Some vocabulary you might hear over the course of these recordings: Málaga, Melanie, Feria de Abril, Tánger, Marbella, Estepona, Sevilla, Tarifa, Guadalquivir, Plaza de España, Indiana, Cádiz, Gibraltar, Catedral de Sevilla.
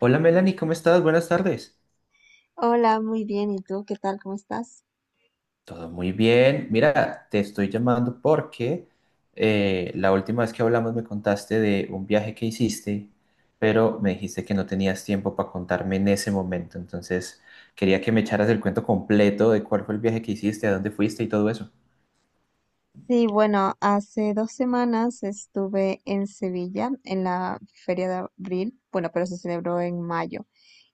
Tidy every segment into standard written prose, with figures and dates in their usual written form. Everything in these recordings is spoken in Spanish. Hola Melanie, ¿cómo estás? Buenas tardes. Hola, muy bien. ¿Y tú qué tal? ¿Cómo estás? Todo muy bien. Mira, te estoy llamando porque la última vez que hablamos me contaste de un viaje que hiciste, pero me dijiste que no tenías tiempo para contarme en ese momento. Entonces, quería que me echaras el cuento completo de cuál fue el viaje que hiciste, a dónde fuiste y todo eso. Sí, bueno, hace 2 semanas estuve en Sevilla en la Feria de Abril, bueno, pero se celebró en mayo.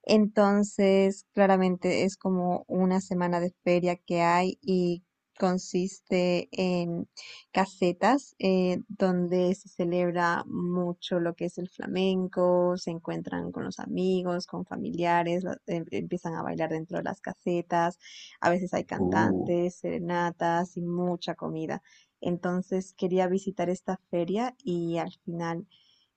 Entonces, claramente es como una semana de feria que hay y consiste en casetas donde se celebra mucho lo que es el flamenco, se encuentran con los amigos, con familiares, empiezan a bailar dentro de las casetas, a veces hay Uh, cantantes, serenatas y mucha comida. Entonces quería visitar esta feria y al final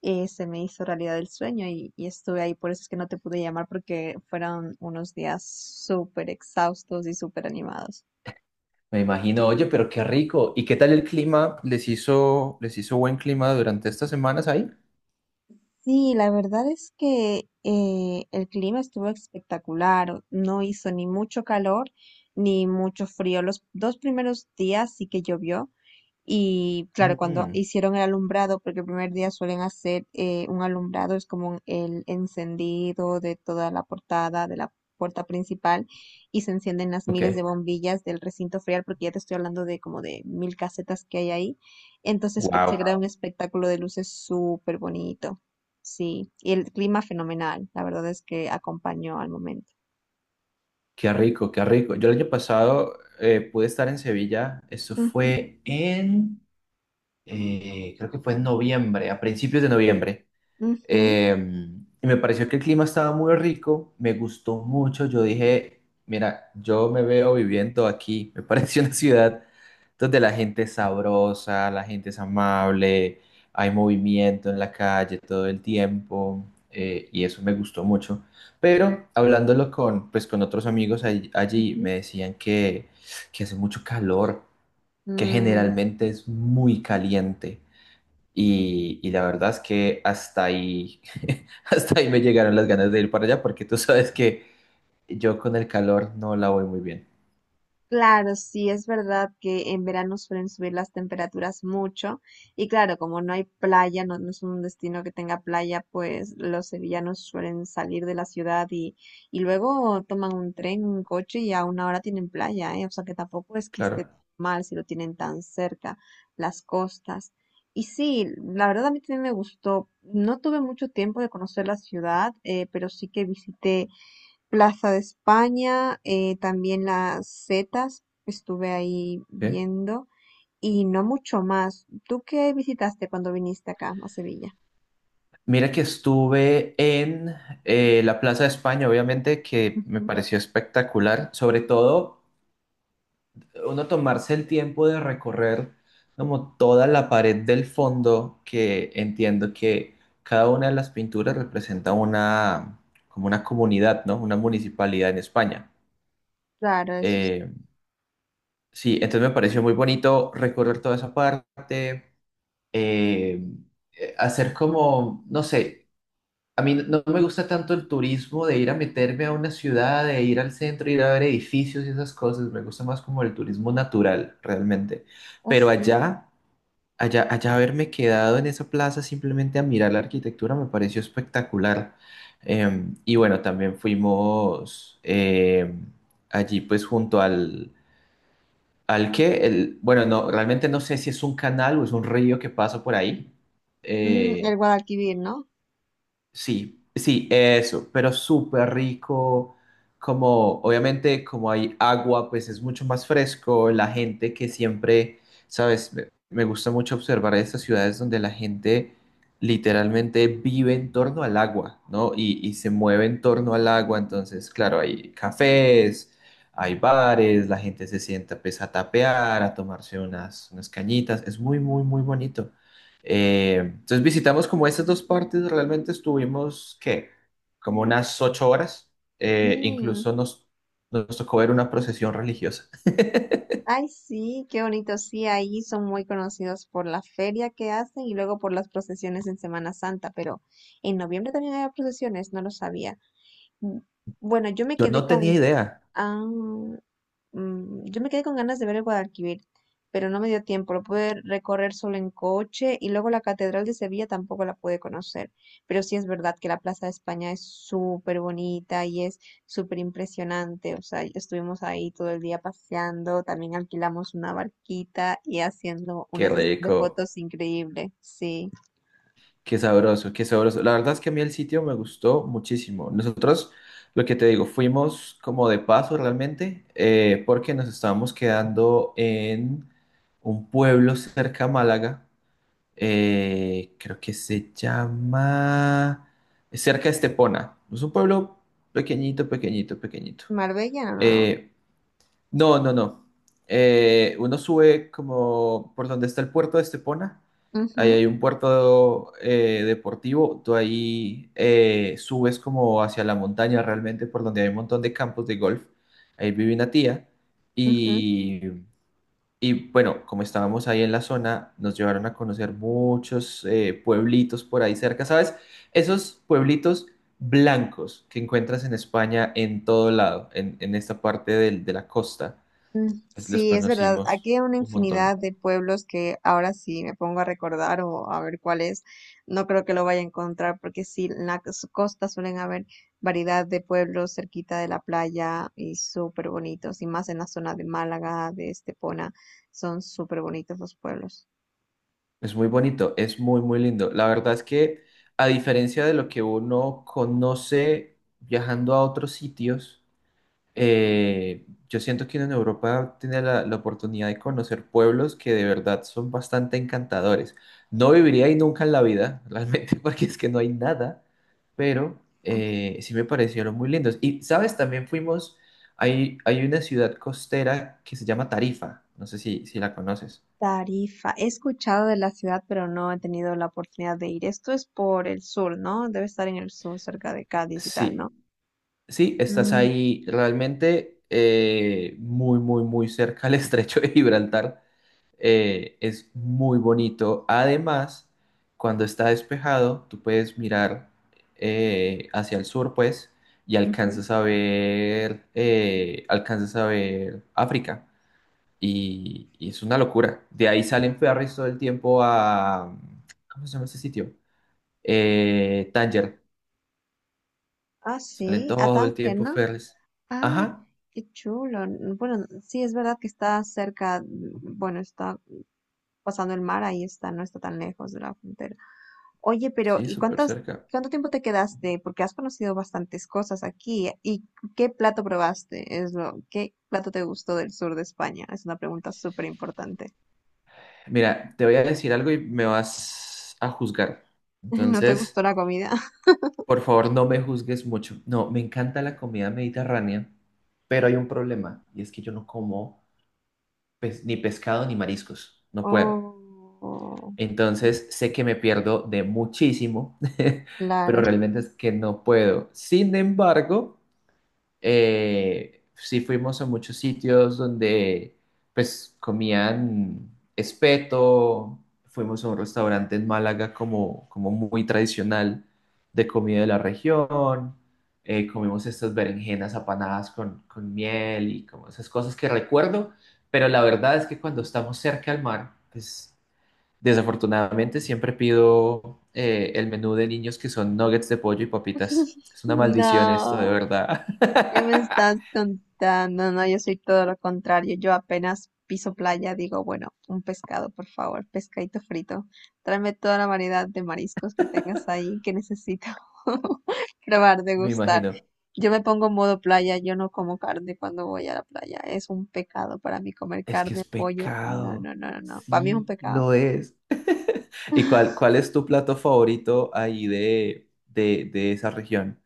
se me hizo realidad el sueño y estuve ahí. Por eso es que no te pude llamar porque fueron unos días súper exhaustos y súper animados. Me imagino, oye, pero qué rico. ¿Y qué tal el clima? Les hizo buen clima durante estas semanas ahí? Sí, la verdad es que el clima estuvo espectacular. No hizo ni mucho calor ni mucho frío. Los dos primeros días sí que llovió. Y claro, cuando Mm, hicieron el alumbrado, porque el primer día suelen hacer un alumbrado, es como el encendido de toda la portada, de la puerta principal, y se encienden las ok. miles de bombillas del recinto ferial, porque ya te estoy hablando de como de 1.000 casetas que hay ahí. Entonces se Wow. crea un espectáculo de luces súper bonito. Sí, y el clima fenomenal, la verdad es que acompañó al momento. Qué rico, qué rico. Yo el año pasado pude estar en Sevilla, eso Ujú, fue en, creo que fue en noviembre, a principios de noviembre. ujú, Eh, y me pareció que el clima estaba muy rico, me gustó mucho. Yo dije, mira, yo me veo viviendo aquí. Me pareció una ciudad donde la gente es sabrosa, la gente es amable, hay movimiento en la calle todo el tiempo. Y eso me gustó mucho. Pero hablándolo con, pues, con otros amigos allí, me ujú. decían que hace mucho calor, que Mm, generalmente es muy caliente. Y la verdad es que hasta ahí, hasta ahí me llegaron las ganas de ir para allá porque tú sabes que yo con el calor no la voy muy bien. claro, sí, es verdad que en verano suelen subir las temperaturas mucho y claro, como no hay playa, no, no es un destino que tenga playa, pues los sevillanos suelen salir de la ciudad y luego toman un tren, un coche y a una hora tienen playa, ¿eh? O sea que tampoco es que esté Claro. mal si lo tienen tan cerca, las costas. Y sí, la verdad a mí también me gustó. No tuve mucho tiempo de conocer la ciudad, pero sí que visité Plaza de España, también las Zetas, estuve ahí ¿Sí? viendo y no mucho más. ¿Tú qué visitaste cuando viniste acá a Sevilla? Mira que estuve en la Plaza de España, obviamente, que me Ujú. pareció espectacular. Sobre todo, uno tomarse el tiempo de recorrer como toda la pared del fondo, que entiendo que cada una de las pinturas representa una, como una comunidad, ¿no? Una municipalidad en España. Claro, eso es Eh, Sí, entonces me pareció muy bonito recorrer toda esa parte, eh, hacer como, no sé, a mí no me gusta tanto el turismo de ir a meterme a una ciudad, de ir al centro, ir a ver edificios y esas cosas, me gusta más como el turismo natural realmente. Pero así. Allá haberme quedado en esa plaza simplemente a mirar la arquitectura me pareció espectacular. Y bueno, también fuimos allí pues junto al al que, el, bueno, no, realmente no sé si es un canal o es un río que pasa por ahí, Mm, eh, el Guadalquivir, ¿no? sí, sí, eso, pero súper rico, como obviamente como hay agua, pues es mucho más fresco, la gente que siempre, sabes, me gusta mucho observar estas ciudades donde la gente literalmente vive en torno al agua, ¿no? Y se mueve en torno al agua, entonces, claro, hay cafés, hay bares, la gente se sienta pues a tapear, a tomarse unas, unas cañitas, es muy, muy, muy bonito. Entonces visitamos como estas dos partes, realmente estuvimos, ¿qué? Como unas 8 horas. Mm, Incluso nos tocó ver una procesión religiosa. ay, sí, qué bonito. Sí, ahí son muy conocidos por la feria que hacen y luego por las procesiones en Semana Santa, pero en noviembre también había procesiones, no lo sabía. Mm, Bueno, yo me Yo quedé no tenía con... idea. Ah. Yo me quedé con ganas de ver el Guadalquivir, pero no me dio tiempo. Lo pude recorrer solo en coche y luego la Catedral de Sevilla tampoco la pude conocer. Pero sí es verdad que la Plaza de España es súper bonita y es súper impresionante. O sea, estuvimos ahí todo el día paseando, también alquilamos una barquita y haciendo una Qué sesión de rico, fotos increíble. Sí. qué sabroso, qué sabroso. La verdad es que a mí el sitio me gustó muchísimo. Nosotros, lo que te digo, fuimos como de paso realmente, porque nos estábamos quedando en un pueblo cerca a Málaga creo que se llama cerca de Estepona. Es un pueblo pequeñito, pequeñito, pequeñito. Marbella, no, no, Eh, no, no, no. Uno sube como por donde está el puerto de Estepona. no. Ahí Ujú, hay un puerto deportivo. Tú ahí subes como hacia la montaña realmente, por donde hay un montón de campos de golf. Ahí vive una tía. ujú. y y bueno, como estábamos ahí en la zona, nos llevaron a conocer muchos pueblitos por ahí cerca, ¿sabes? Esos pueblitos blancos que encuentras en España en todo lado, en esta parte de la costa, Mm, pues los sí, es verdad. Aquí conocimos hay una un montón. infinidad de pueblos que ahora sí me pongo a recordar o a ver cuál es. No creo que lo vaya a encontrar porque sí, en la costa suelen haber variedad de pueblos cerquita de la playa y súper bonitos. Y más en la zona de Málaga, de Estepona, son súper bonitos los pueblos. Es muy bonito, es muy, muy lindo. La verdad es que a diferencia de lo que uno conoce viajando a otros sitios, yo siento que uno en Europa tiene la oportunidad de conocer pueblos que de verdad son bastante encantadores. No viviría ahí nunca en la vida, realmente, porque es que no hay nada, pero ¿No? Sí me parecieron muy lindos. Y, ¿sabes? También fuimos, hay una ciudad costera que se llama Tarifa, no sé si, si la conoces. Tarifa. He escuchado de la ciudad, pero no he tenido la oportunidad de ir. Esto es por el sur, ¿no? Debe estar en el sur, cerca de Cádiz y tal, ¿no? Sí, sí, estás Mm, ahí realmente muy, muy, muy cerca al estrecho de Gibraltar. Es muy bonito. Además, cuando está despejado, tú puedes mirar hacia el sur, pues, y ujú. Alcanzas a ver África. Y es una locura. De ahí salen ferries todo el tiempo a... ¿Cómo se llama ese sitio? Tánger. Ah, Salen sí, a todo el Tánger, tiempo ¿no? ferries. Ah, Ajá, qué chulo. Bueno, sí, es verdad que está cerca, bueno, está pasando el mar, ahí está, no está tan lejos de la frontera. Oye, pero sí, ¿y súper cerca. cuánto tiempo te quedaste? Porque has conocido bastantes cosas aquí. ¿Y qué plato probaste? Es lo, ¿qué plato te gustó del sur de España? Es una pregunta súper importante. Mira, te voy a decir algo y me vas a juzgar. ¿No te Entonces... gustó la comida? Por favor, no me juzgues mucho. No, me encanta la comida mediterránea, pero hay un problema y es que yo no como ni pescado ni mariscos. No puedo. Oh, Entonces, sé que me pierdo de muchísimo, pero claro. realmente es que no puedo. Sin embargo, sí fuimos a muchos sitios donde pues comían espeto, fuimos a un restaurante en Málaga como, como muy tradicional de comida de la región, comimos estas berenjenas apanadas con miel y como esas cosas que recuerdo, pero la verdad es que cuando estamos cerca al mar, pues desafortunadamente siempre pido el menú de niños que son nuggets de pollo y papitas. Es una maldición esto, de No. verdad. ¿Qué me estás contando? No, no, yo soy todo lo contrario. Yo apenas piso playa, digo, bueno, un pescado, por favor, pescadito frito. Tráeme toda la variedad de mariscos que tengas ahí que necesito probar, Me degustar. imagino. Yo me pongo en modo playa, yo no como carne cuando voy a la playa. Es un pecado para mí comer Es que es carne, pollo. No, pecado. no, no, no, no. Para mí es un Sí, pecado. lo es. ¿Y cuál, cuál es tu plato favorito ahí de esa región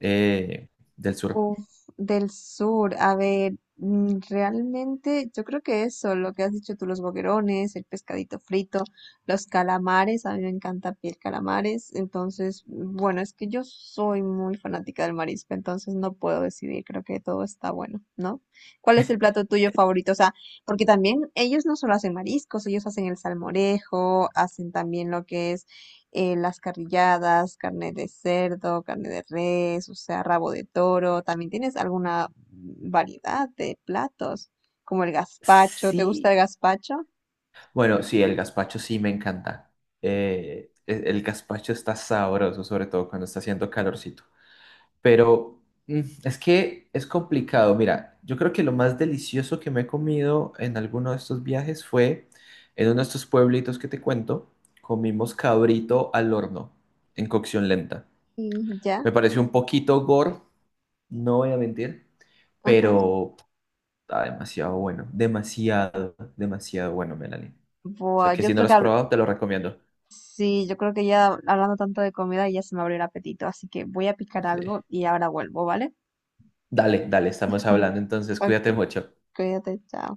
eh, del sur? Uf, del sur, a ver, realmente yo creo que eso, lo que has dicho tú, los boquerones, el pescadito frito, los calamares, a mí me encanta piel calamares, entonces, bueno, es que yo soy muy fanática del marisco, entonces no puedo decidir, creo que todo está bueno, ¿no? ¿Cuál es el plato tuyo favorito? O sea, porque también ellos no solo hacen mariscos, ellos hacen el salmorejo, hacen también lo que es las carrilladas, carne de cerdo, carne de res, o sea, rabo de toro. También tienes alguna variedad de platos, como el gazpacho. ¿Te gusta Sí. el gazpacho? Bueno, sí, el gazpacho sí me encanta. El gazpacho está sabroso, sobre todo cuando está haciendo calorcito. Pero mm, es que es complicado. Mira, yo creo que lo más delicioso que me he comido en alguno de estos viajes fue en uno de estos pueblitos que te cuento, comimos cabrito al horno en cocción lenta. Mm, ya, Me pareció un poquito gore, no voy a mentir, ajá. pero está demasiado bueno, demasiado, demasiado bueno, Melanie. O sea Buah, que yo si no creo lo que has probado, te lo recomiendo. sí, yo creo que ya hablando tanto de comida ya se me abrió el apetito, así que voy a picar Sí. algo y ahora vuelvo, ¿vale? Dale, dale, estamos hablando, entonces Ok, cuídate mucho. cuídate, chao.